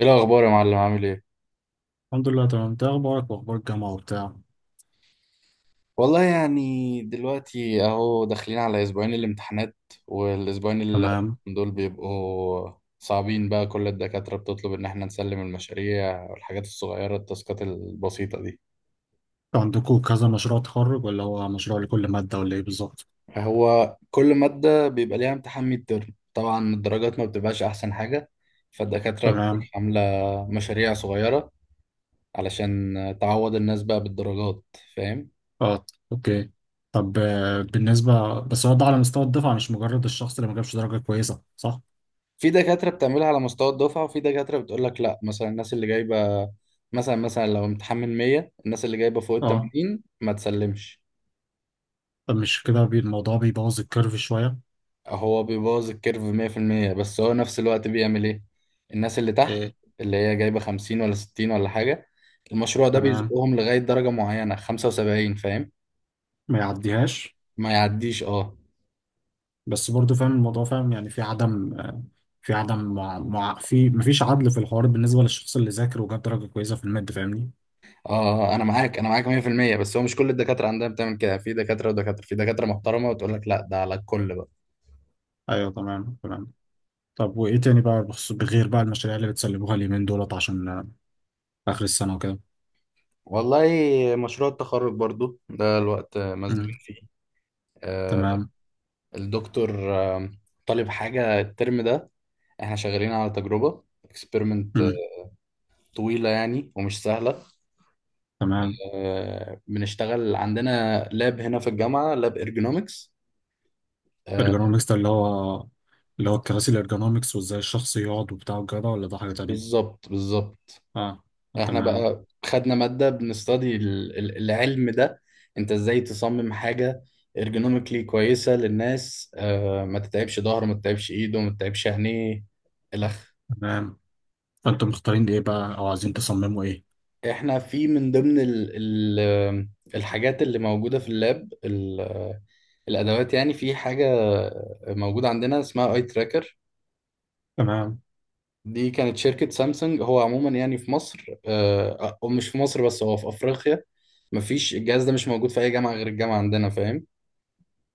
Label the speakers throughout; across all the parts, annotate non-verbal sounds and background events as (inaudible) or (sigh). Speaker 1: ايه الاخبار يا معلم؟ عامل ايه؟
Speaker 2: الحمد لله، تمام. انت ايه اخبارك واخبار الجامعه وبتاع؟
Speaker 1: والله يعني دلوقتي اهو داخلين على اسبوعين الامتحانات، والاسبوعين اللي
Speaker 2: تمام.
Speaker 1: دول بيبقوا صعبين بقى. كل الدكاترة بتطلب ان احنا نسلم المشاريع والحاجات الصغيرة، التاسكات البسيطة دي.
Speaker 2: عندكم كذا مشروع تخرج ولا هو مشروع لكل ماده ولا ايه بالظبط؟
Speaker 1: هو كل مادة بيبقى ليها امتحان ميد ترم، طبعا الدرجات ما بتبقاش احسن حاجة، فالدكاترة بتبقى
Speaker 2: تمام
Speaker 1: عاملة مشاريع صغيرة علشان تعوض الناس بقى بالدرجات، فاهم.
Speaker 2: اه، اوكي. طب بالنسبه، بس هو ده على مستوى الدفعه مش مجرد الشخص اللي ما جابش درجه كويسه، صح؟
Speaker 1: في دكاترة بتعملها على مستوى الدفعة، وفي دكاترة بتقول لك لا، مثلا الناس اللي جايبة مثلا لو امتحان من 100 الناس اللي جايبة فوق ال
Speaker 2: اه.
Speaker 1: 80 ما تسلمش.
Speaker 2: طب مش كده الموضوع بيبوظ الكيرف شويه.
Speaker 1: هو بيبوظ الكيرف 100%، بس هو نفس الوقت بيعمل ايه؟ الناس اللي تحت،
Speaker 2: ايه.
Speaker 1: اللي هي جايبة 50 ولا 60 ولا حاجة، المشروع ده
Speaker 2: تمام.
Speaker 1: بيزقهم لغاية درجة معينة، 75، فاهم.
Speaker 2: ما يعديهاش.
Speaker 1: ما يعديش. اه،
Speaker 2: بس برضو فاهم الموضوع، فاهم يعني في عدم في عدم في مفيش عدل في الحوار بالنسبه للشخص اللي ذاكر وجاب درجه كويسه في الماده، فاهمني؟
Speaker 1: اه، انا معاك، انا معاك 100%، بس هو مش كل الدكاترة عندها بتعمل كده. في دكاترة ودكاترة، في دكاترة محترمة وتقول لك لا، ده على الكل بقى.
Speaker 2: ايوه، تمام تمام. طب وايه تاني بقى بغير بقى المشاريع اللي بتسلموها اليومين دولت عشان اخر السنه وكده.
Speaker 1: والله مشروع التخرج برضو ده الوقت مزنوقين
Speaker 2: امم
Speaker 1: فيه. آه،
Speaker 2: تمام.
Speaker 1: الدكتور طالب حاجة الترم ده. احنا شغالين على تجربة اكسبيرمنت
Speaker 2: امم
Speaker 1: طويلة يعني، ومش سهلة.
Speaker 2: تمام.
Speaker 1: بنشتغل عندنا لاب هنا في الجامعة، لاب ارجونومكس.
Speaker 2: الارجونومكس ده اللي هو، اللي هو الكراسي الارجونومكس وازاي الشخص يقعد وبتاع وكده، ولا ده حاجه تانية؟
Speaker 1: بالظبط بالظبط.
Speaker 2: اه.
Speaker 1: احنا
Speaker 2: تمام.
Speaker 1: بقى خدنا مادة بنستدي العلم ده. انت ازاي تصمم حاجة ارجونوميكلي كويسة للناس، ما تتعبش ظهره، ما تتعبش ايده، ما تتعبش عينيه، الخ.
Speaker 2: تمام. فانتم مختارين ايه بقى او عايزين تصمموا ايه؟
Speaker 1: احنا في من ضمن ال الحاجات اللي موجودة في اللاب، الادوات يعني، في حاجة موجودة عندنا اسمها اي تراكر.
Speaker 2: تمام.
Speaker 1: دي كانت شركة سامسونج. هو عموما يعني في مصر، او مش في مصر بس، هو في افريقيا مفيش، الجهاز ده مش موجود في اي جامعة غير الجامعة عندنا، فاهم.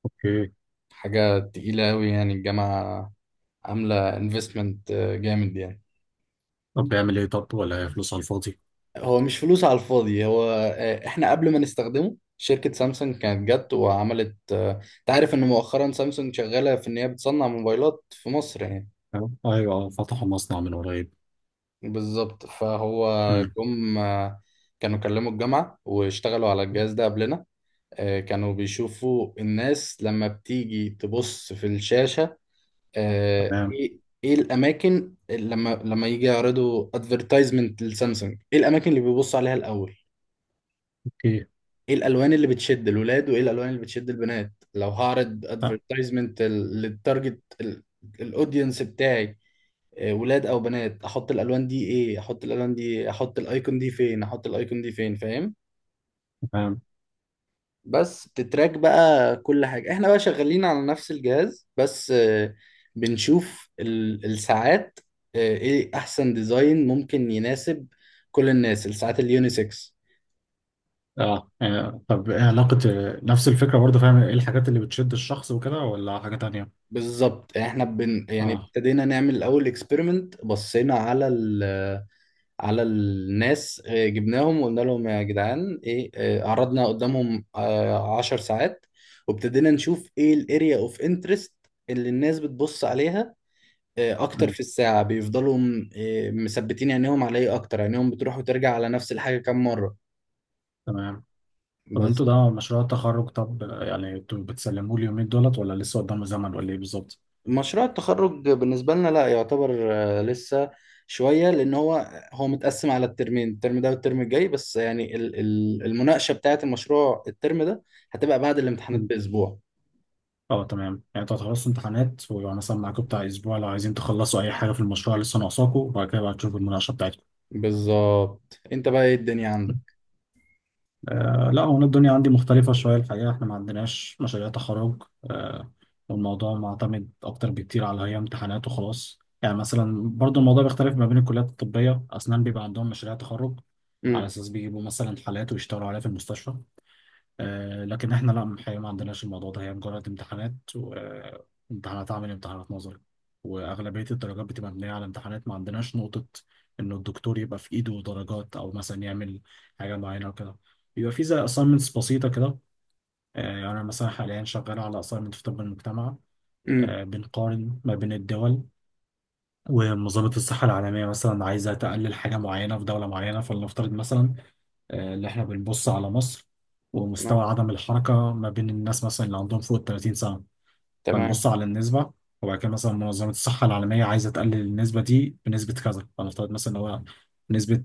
Speaker 2: اوكي.
Speaker 1: حاجة تقيلة أوي، يعني الجامعة عاملة انفستمنت جامد يعني.
Speaker 2: طب بيعمل ايه؟ طب ولا هي فلوس على الفاضي؟
Speaker 1: هو مش فلوس على الفاضي، هو احنا قبل ما نستخدمه شركة سامسونج كانت جت وعملت، تعرف ان مؤخرا سامسونج شغالة في ان هي بتصنع موبايلات في مصر يعني.
Speaker 2: تمام. ايوه آه. فتحوا مصنع من قريب.
Speaker 1: بالظبط، فهو
Speaker 2: امم
Speaker 1: جم كانوا كلموا الجامعة واشتغلوا على الجهاز ده قبلنا. كانوا بيشوفوا الناس لما بتيجي تبص في الشاشة، آه،
Speaker 2: تمام.
Speaker 1: ايه ايه الاماكن اللي لما يجي يعرضوا ادفرتايزمنت لسامسونج، ايه الاماكن اللي بيبصوا عليها الاول؟
Speaker 2: اوكي.
Speaker 1: ايه الالوان اللي بتشد الولاد، وايه الالوان اللي بتشد البنات؟ لو هعرض
Speaker 2: آه.
Speaker 1: ادفرتايزمنت للتارجت الاودينس بتاعي، ولاد او بنات، احط الالوان دي ايه، احط الالوان دي إيه؟ احط الايكون دي فين، احط الايكون دي فين، فاهم.
Speaker 2: تمام.
Speaker 1: بس بتتراك بقى كل حاجة. احنا بقى شغالين على نفس الجهاز، بس بنشوف الساعات، ايه احسن ديزاين ممكن يناسب كل الناس، الساعات اليونيسكس.
Speaker 2: اه آه، طب ايه علاقة نفس الفكرة برضه، فاهم؟ ايه الحاجات اللي بتشد الشخص وكده ولا حاجة تانية؟
Speaker 1: بالظبط. احنا يعني
Speaker 2: اه.
Speaker 1: ابتدينا نعمل الاول اكسبيرمنت، بصينا على الناس، جبناهم وقلنا لهم يا جدعان ايه، عرضنا قدامهم 10 ساعات، وابتدينا نشوف ايه الاريا اوف انترست اللي الناس بتبص عليها اكتر
Speaker 2: مم.
Speaker 1: في الساعه، بيفضلوا مثبتين عينيهم على ايه اكتر، عينيهم بتروح وترجع على نفس الحاجه كام مره.
Speaker 2: تمام. طب
Speaker 1: بس
Speaker 2: انتوا ده مشروع التخرج، طب يعني انتوا بتسلموه اليومين دولت ولا لسه قدام زمن ولا ايه بالظبط؟
Speaker 1: مشروع التخرج بالنسبه لنا لا يعتبر لسه شويه، لان هو متقسم على الترمين، الترم ده والترم الجاي، بس يعني المناقشه بتاعه المشروع الترم ده هتبقى بعد الامتحانات
Speaker 2: مم.
Speaker 1: باسبوع.
Speaker 2: اه، تمام. يعني انتوا هتخلصوا امتحانات ويبقى مثلا معاكم بتاع اسبوع لو عايزين تخلصوا اي حاجة في المشروع لسه ناقصاكوا، وبعد كده بقى تشوفوا المناقشة بتاعتكم.
Speaker 1: بالظبط. انت بقى ايه الدنيا عندك؟
Speaker 2: آه لا، هو أنا الدنيا عندي مختلفة شوية الحقيقة، احنا ما عندناش مشاريع تخرج. آه. والموضوع معتمد أكتر بكتير على هي امتحانات وخلاص. يعني مثلا برضو الموضوع بيختلف ما بين الكليات، الطبية، أسنان بيبقى عندهم مشاريع تخرج على
Speaker 1: امم
Speaker 2: أساس بيجيبوا مثلا حالات ويشتغلوا عليها في المستشفى. لكن احنا لا الحقيقة، ما عندناش الموضوع ده. هي مجرد امتحانات وامتحانات عملي وامتحانات نظري. واغلبية الدرجات بتبقى مبنية على امتحانات. ما عندناش نقطة انه الدكتور يبقى في ايده درجات او مثلا يعمل حاجة معينة وكده. بيبقى في زي assignments بسيطة كده. يعني انا مثلا حاليا شغال على assignment في طب المجتمع.
Speaker 1: امم
Speaker 2: بنقارن ما بين الدول. ومنظمة الصحة العالمية مثلا عايزة تقلل حاجة معينة في دولة معينة، فلنفترض مثلا اللي احنا بنبص على مصر
Speaker 1: تمام،
Speaker 2: ومستوى عدم الحركة ما بين الناس مثلا اللي عندهم فوق ال 30 سنة. فنبص
Speaker 1: تمام،
Speaker 2: على النسبة، وبعد كده مثلا منظمة الصحة العالمية عايزة تقلل النسبة دي بنسبة كذا، فنفترض مثلا إن هو نسبة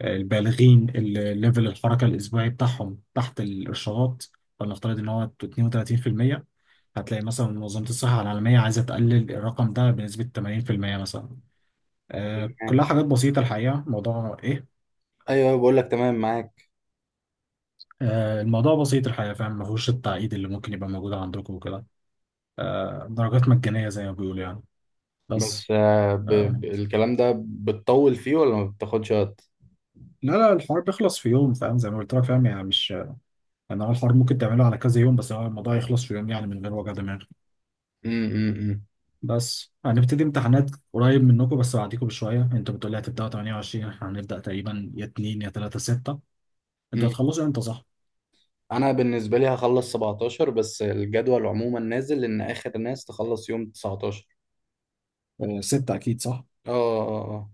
Speaker 2: البالغين اللي ليفل الحركة الأسبوعي بتاعهم تحت الإرشادات، فنفترض إن هو 32%. هتلاقي مثلا منظمة الصحة العالمية عايزة تقلل الرقم ده بنسبة 80% مثلا. كلها
Speaker 1: تمام.
Speaker 2: حاجات بسيطة الحقيقة، موضوع إيه.
Speaker 1: ايوه، بقول لك تمام، معاك.
Speaker 2: الموضوع بسيط الحقيقة، فاهم، ما فيهوش التعقيد اللي ممكن يبقى موجود عندكم وكده. درجات مجانية زي ما بيقولوا يعني.
Speaker 1: بس
Speaker 2: بس آه،
Speaker 1: الكلام ده بتطول فيه ولا ما بتاخدش وقت؟
Speaker 2: لا لا، الحوار بيخلص في يوم، فاهم، زي ما قلت لك. فاهم يعني مش، يعني هو الحوار ممكن تعمله على كذا يوم، بس هو الموضوع يخلص في يوم، يعني من غير وجع دماغ.
Speaker 1: امم
Speaker 2: بس هنبتدي امتحانات قريب منكم، بس بعديكم بشوية. انتوا بتقولي هتبدأوا 28، احنا هنبدأ تقريبا يا 2 يا 3 6. انتوا هتخلصوا امتى، صح؟
Speaker 1: انا بالنسبه لي هخلص 17، بس الجدول عموما نازل ان اخر ناس تخلص يوم 19.
Speaker 2: 6 أكيد صح؟
Speaker 1: اه، اه، آه.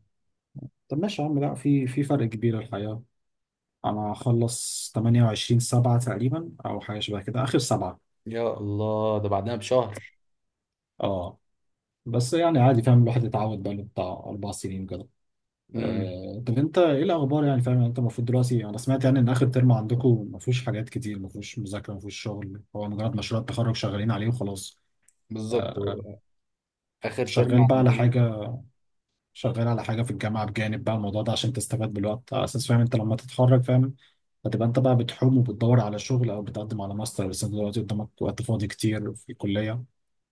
Speaker 2: طب ماشي يا عم، لا في فرق كبير الحقيقة. انا هخلص 28 سبعة تقريبا او حاجة شبه كده، اخر سبعة.
Speaker 1: يا الله، ده بعدها بشهر.
Speaker 2: اه. بس يعني عادي، فاهم، الواحد اتعود بقاله بتاع اربع سنين كده.
Speaker 1: امم
Speaker 2: طب انت ايه الاخبار، يعني فاهم يعني انت المفروض دلوقتي، انا سمعت يعني ان اخر ترم عندكم ما فيهوش حاجات كتير، ما فيهوش مذاكره، ما فيهوش شغل، هو مجرد مشروع التخرج شغالين عليه وخلاص.
Speaker 1: بالظبط.
Speaker 2: آه،
Speaker 1: هو اخر ترم
Speaker 2: شغال بقى على
Speaker 1: عندنا.
Speaker 2: حاجه، شغال على حاجه في الجامعه بجانب بقى الموضوع ده عشان تستفاد بالوقت، على اساس فاهم انت لما تتخرج فاهم هتبقى انت بقى بتحوم وبتدور على شغل او بتقدم على ماستر. بس انت دلوقتي قدامك وقت فاضي كتير في الكليه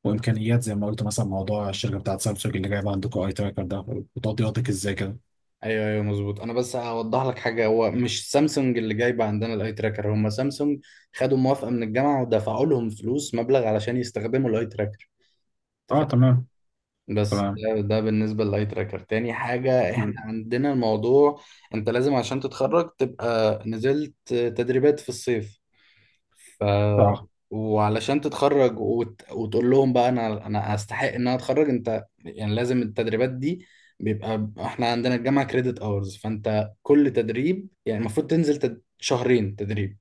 Speaker 2: وامكانيات، زي ما قلت مثلا موضوع الشركه بتاعت سامسونج اللي جايبه عندكم اي تراكر ده، وتقضياتك ازاي كده.
Speaker 1: ايوه، ايوه، مظبوط. انا بس هوضح لك حاجه، هو مش سامسونج اللي جايبه عندنا الاي تراكر، هم سامسونج خدوا موافقه من الجامعه ودفعوا لهم فلوس، مبلغ، علشان يستخدموا الاي تراكر.
Speaker 2: اه، تمام
Speaker 1: بس
Speaker 2: تمام.
Speaker 1: ده بالنسبة للاي تراكر. تاني حاجة احنا
Speaker 2: مم.
Speaker 1: عندنا، الموضوع انت لازم عشان تتخرج تبقى نزلت تدريبات في الصيف. ف
Speaker 2: اه،
Speaker 1: وعلشان تتخرج وتقول لهم بقى انا استحق ان انا اتخرج، انت يعني لازم التدريبات دي. بيبقى احنا عندنا الجامعة كريدت اورز، فانت كل تدريب يعني المفروض تنزل شهرين تدريب،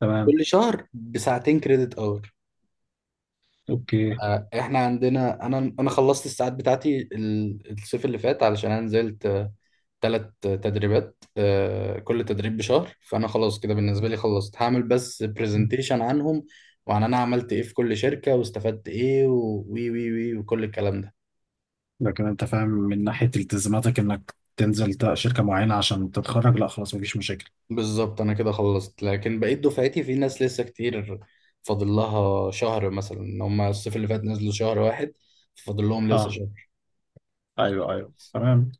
Speaker 2: تمام.
Speaker 1: كل شهر بساعتين كريدت اور.
Speaker 2: اوكي.
Speaker 1: احنا عندنا، انا خلصت الساعات بتاعتي الصيف اللي فات، علشان انا نزلت 3 تدريبات، كل تدريب بشهر، فانا خلاص كده بالنسبه لي خلصت، هعمل بس برزنتيشن عنهم، وعن انا عملت ايه في كل شركه، واستفدت ايه، و- وي وي وي وكل الكلام ده.
Speaker 2: لكن انت فاهم من ناحيه التزاماتك انك تنزل شركه معينه عشان تتخرج، لا خلاص مفيش مشاكل.
Speaker 1: بالظبط. انا كده خلصت، لكن بقيت دفعتي في ناس لسه كتير، فاضل لها شهر مثلا، هم الصيف اللي فات نزلوا شهر واحد، فاضل لهم لسه
Speaker 2: اه،
Speaker 1: شهر
Speaker 2: ايوه ايوه تمام.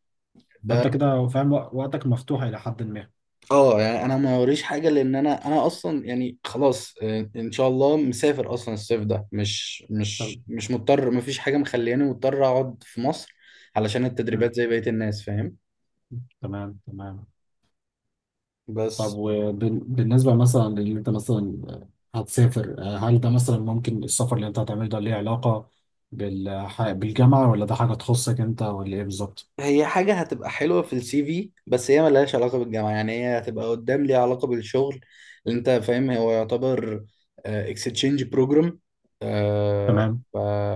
Speaker 1: ده.
Speaker 2: انت كده فاهم وقتك مفتوح الى حد ما.
Speaker 1: اه، يعني انا ما وريش حاجه، لان انا اصلا يعني خلاص، ان شاء الله مسافر اصلا الصيف ده، مش
Speaker 2: طب.
Speaker 1: مش مش مضطر، ما فيش حاجه مخلياني مضطر اقعد في مصر علشان
Speaker 2: مم.
Speaker 1: التدريبات زي بقيه الناس، فاهم.
Speaker 2: تمام تمام. طب
Speaker 1: بس
Speaker 2: وبالنسبة مثلا اللي انت مثلا هتسافر، هل ده مثلا ممكن السفر اللي انت هتعمله ده ليه علاقة بالجامعة ولا ده حاجة تخصك انت ولا ايه بالظبط؟
Speaker 1: هي حاجه هتبقى حلوه في السي في، بس هي ملهاش علاقه بالجامعه، يعني هي هتبقى قدام ليها علاقه بالشغل اللي انت فاهم، هو يعتبر اكستشينج بروجرام. ف...
Speaker 2: تمام.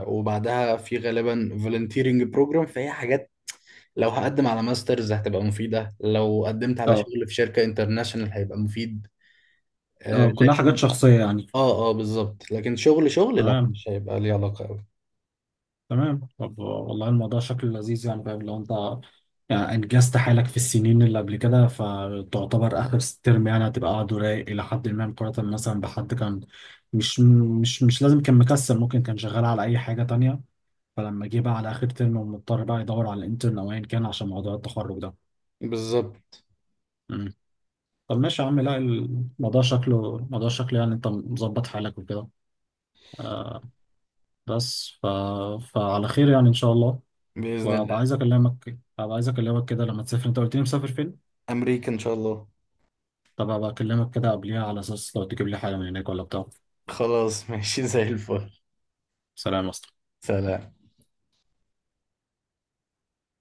Speaker 1: وبعدها في غالبا فولنتيرنج بروجرام، فهي حاجات لو هقدم على ماسترز هتبقى مفيدة، لو قدمت على
Speaker 2: اه
Speaker 1: شغل في شركة انترناشونال هيبقى مفيد.
Speaker 2: اه، كلها حاجات
Speaker 1: لكن
Speaker 2: شخصية يعني.
Speaker 1: اه، اه، بالظبط. لكن شغل شغل لا،
Speaker 2: تمام.
Speaker 1: مش هيبقى ليه علاقة أوي.
Speaker 2: تمام. طب والله الموضوع شكله لذيذ يعني، فاهم، لو انت يعني انجزت حالك في السنين اللي قبل كده، فتعتبر اخر ترم يعني هتبقى قاعد رايق الى حد ما، مقارنة مثلا بحد كان، مش مش لازم كان مكسل، ممكن كان شغال على اي حاجة تانية، فلما جه بقى على اخر ترم ومضطر بقى يدور على الانترن او ايا كان عشان موضوع التخرج ده.
Speaker 1: بالظبط.
Speaker 2: مم. طب ماشي يا عم، لا الموضوع شكله، الموضوع شكله يعني انت مظبط حالك وكده. آه. بس فعلى خير يعني، ان شاء الله.
Speaker 1: بإذن الله.
Speaker 2: وابقى عايز اكلمك، ابقى عايز اكلمك كده لما تسافر. انت قلت لي مسافر فين؟
Speaker 1: أمريكا إن شاء الله.
Speaker 2: طب ابقى اكلمك كده قبليها على اساس لو تجيب لي حاجه من هناك ولا بتاع.
Speaker 1: خلاص ماشي، (laughs) زي الفل.
Speaker 2: سلام يا اسطى.
Speaker 1: سلام.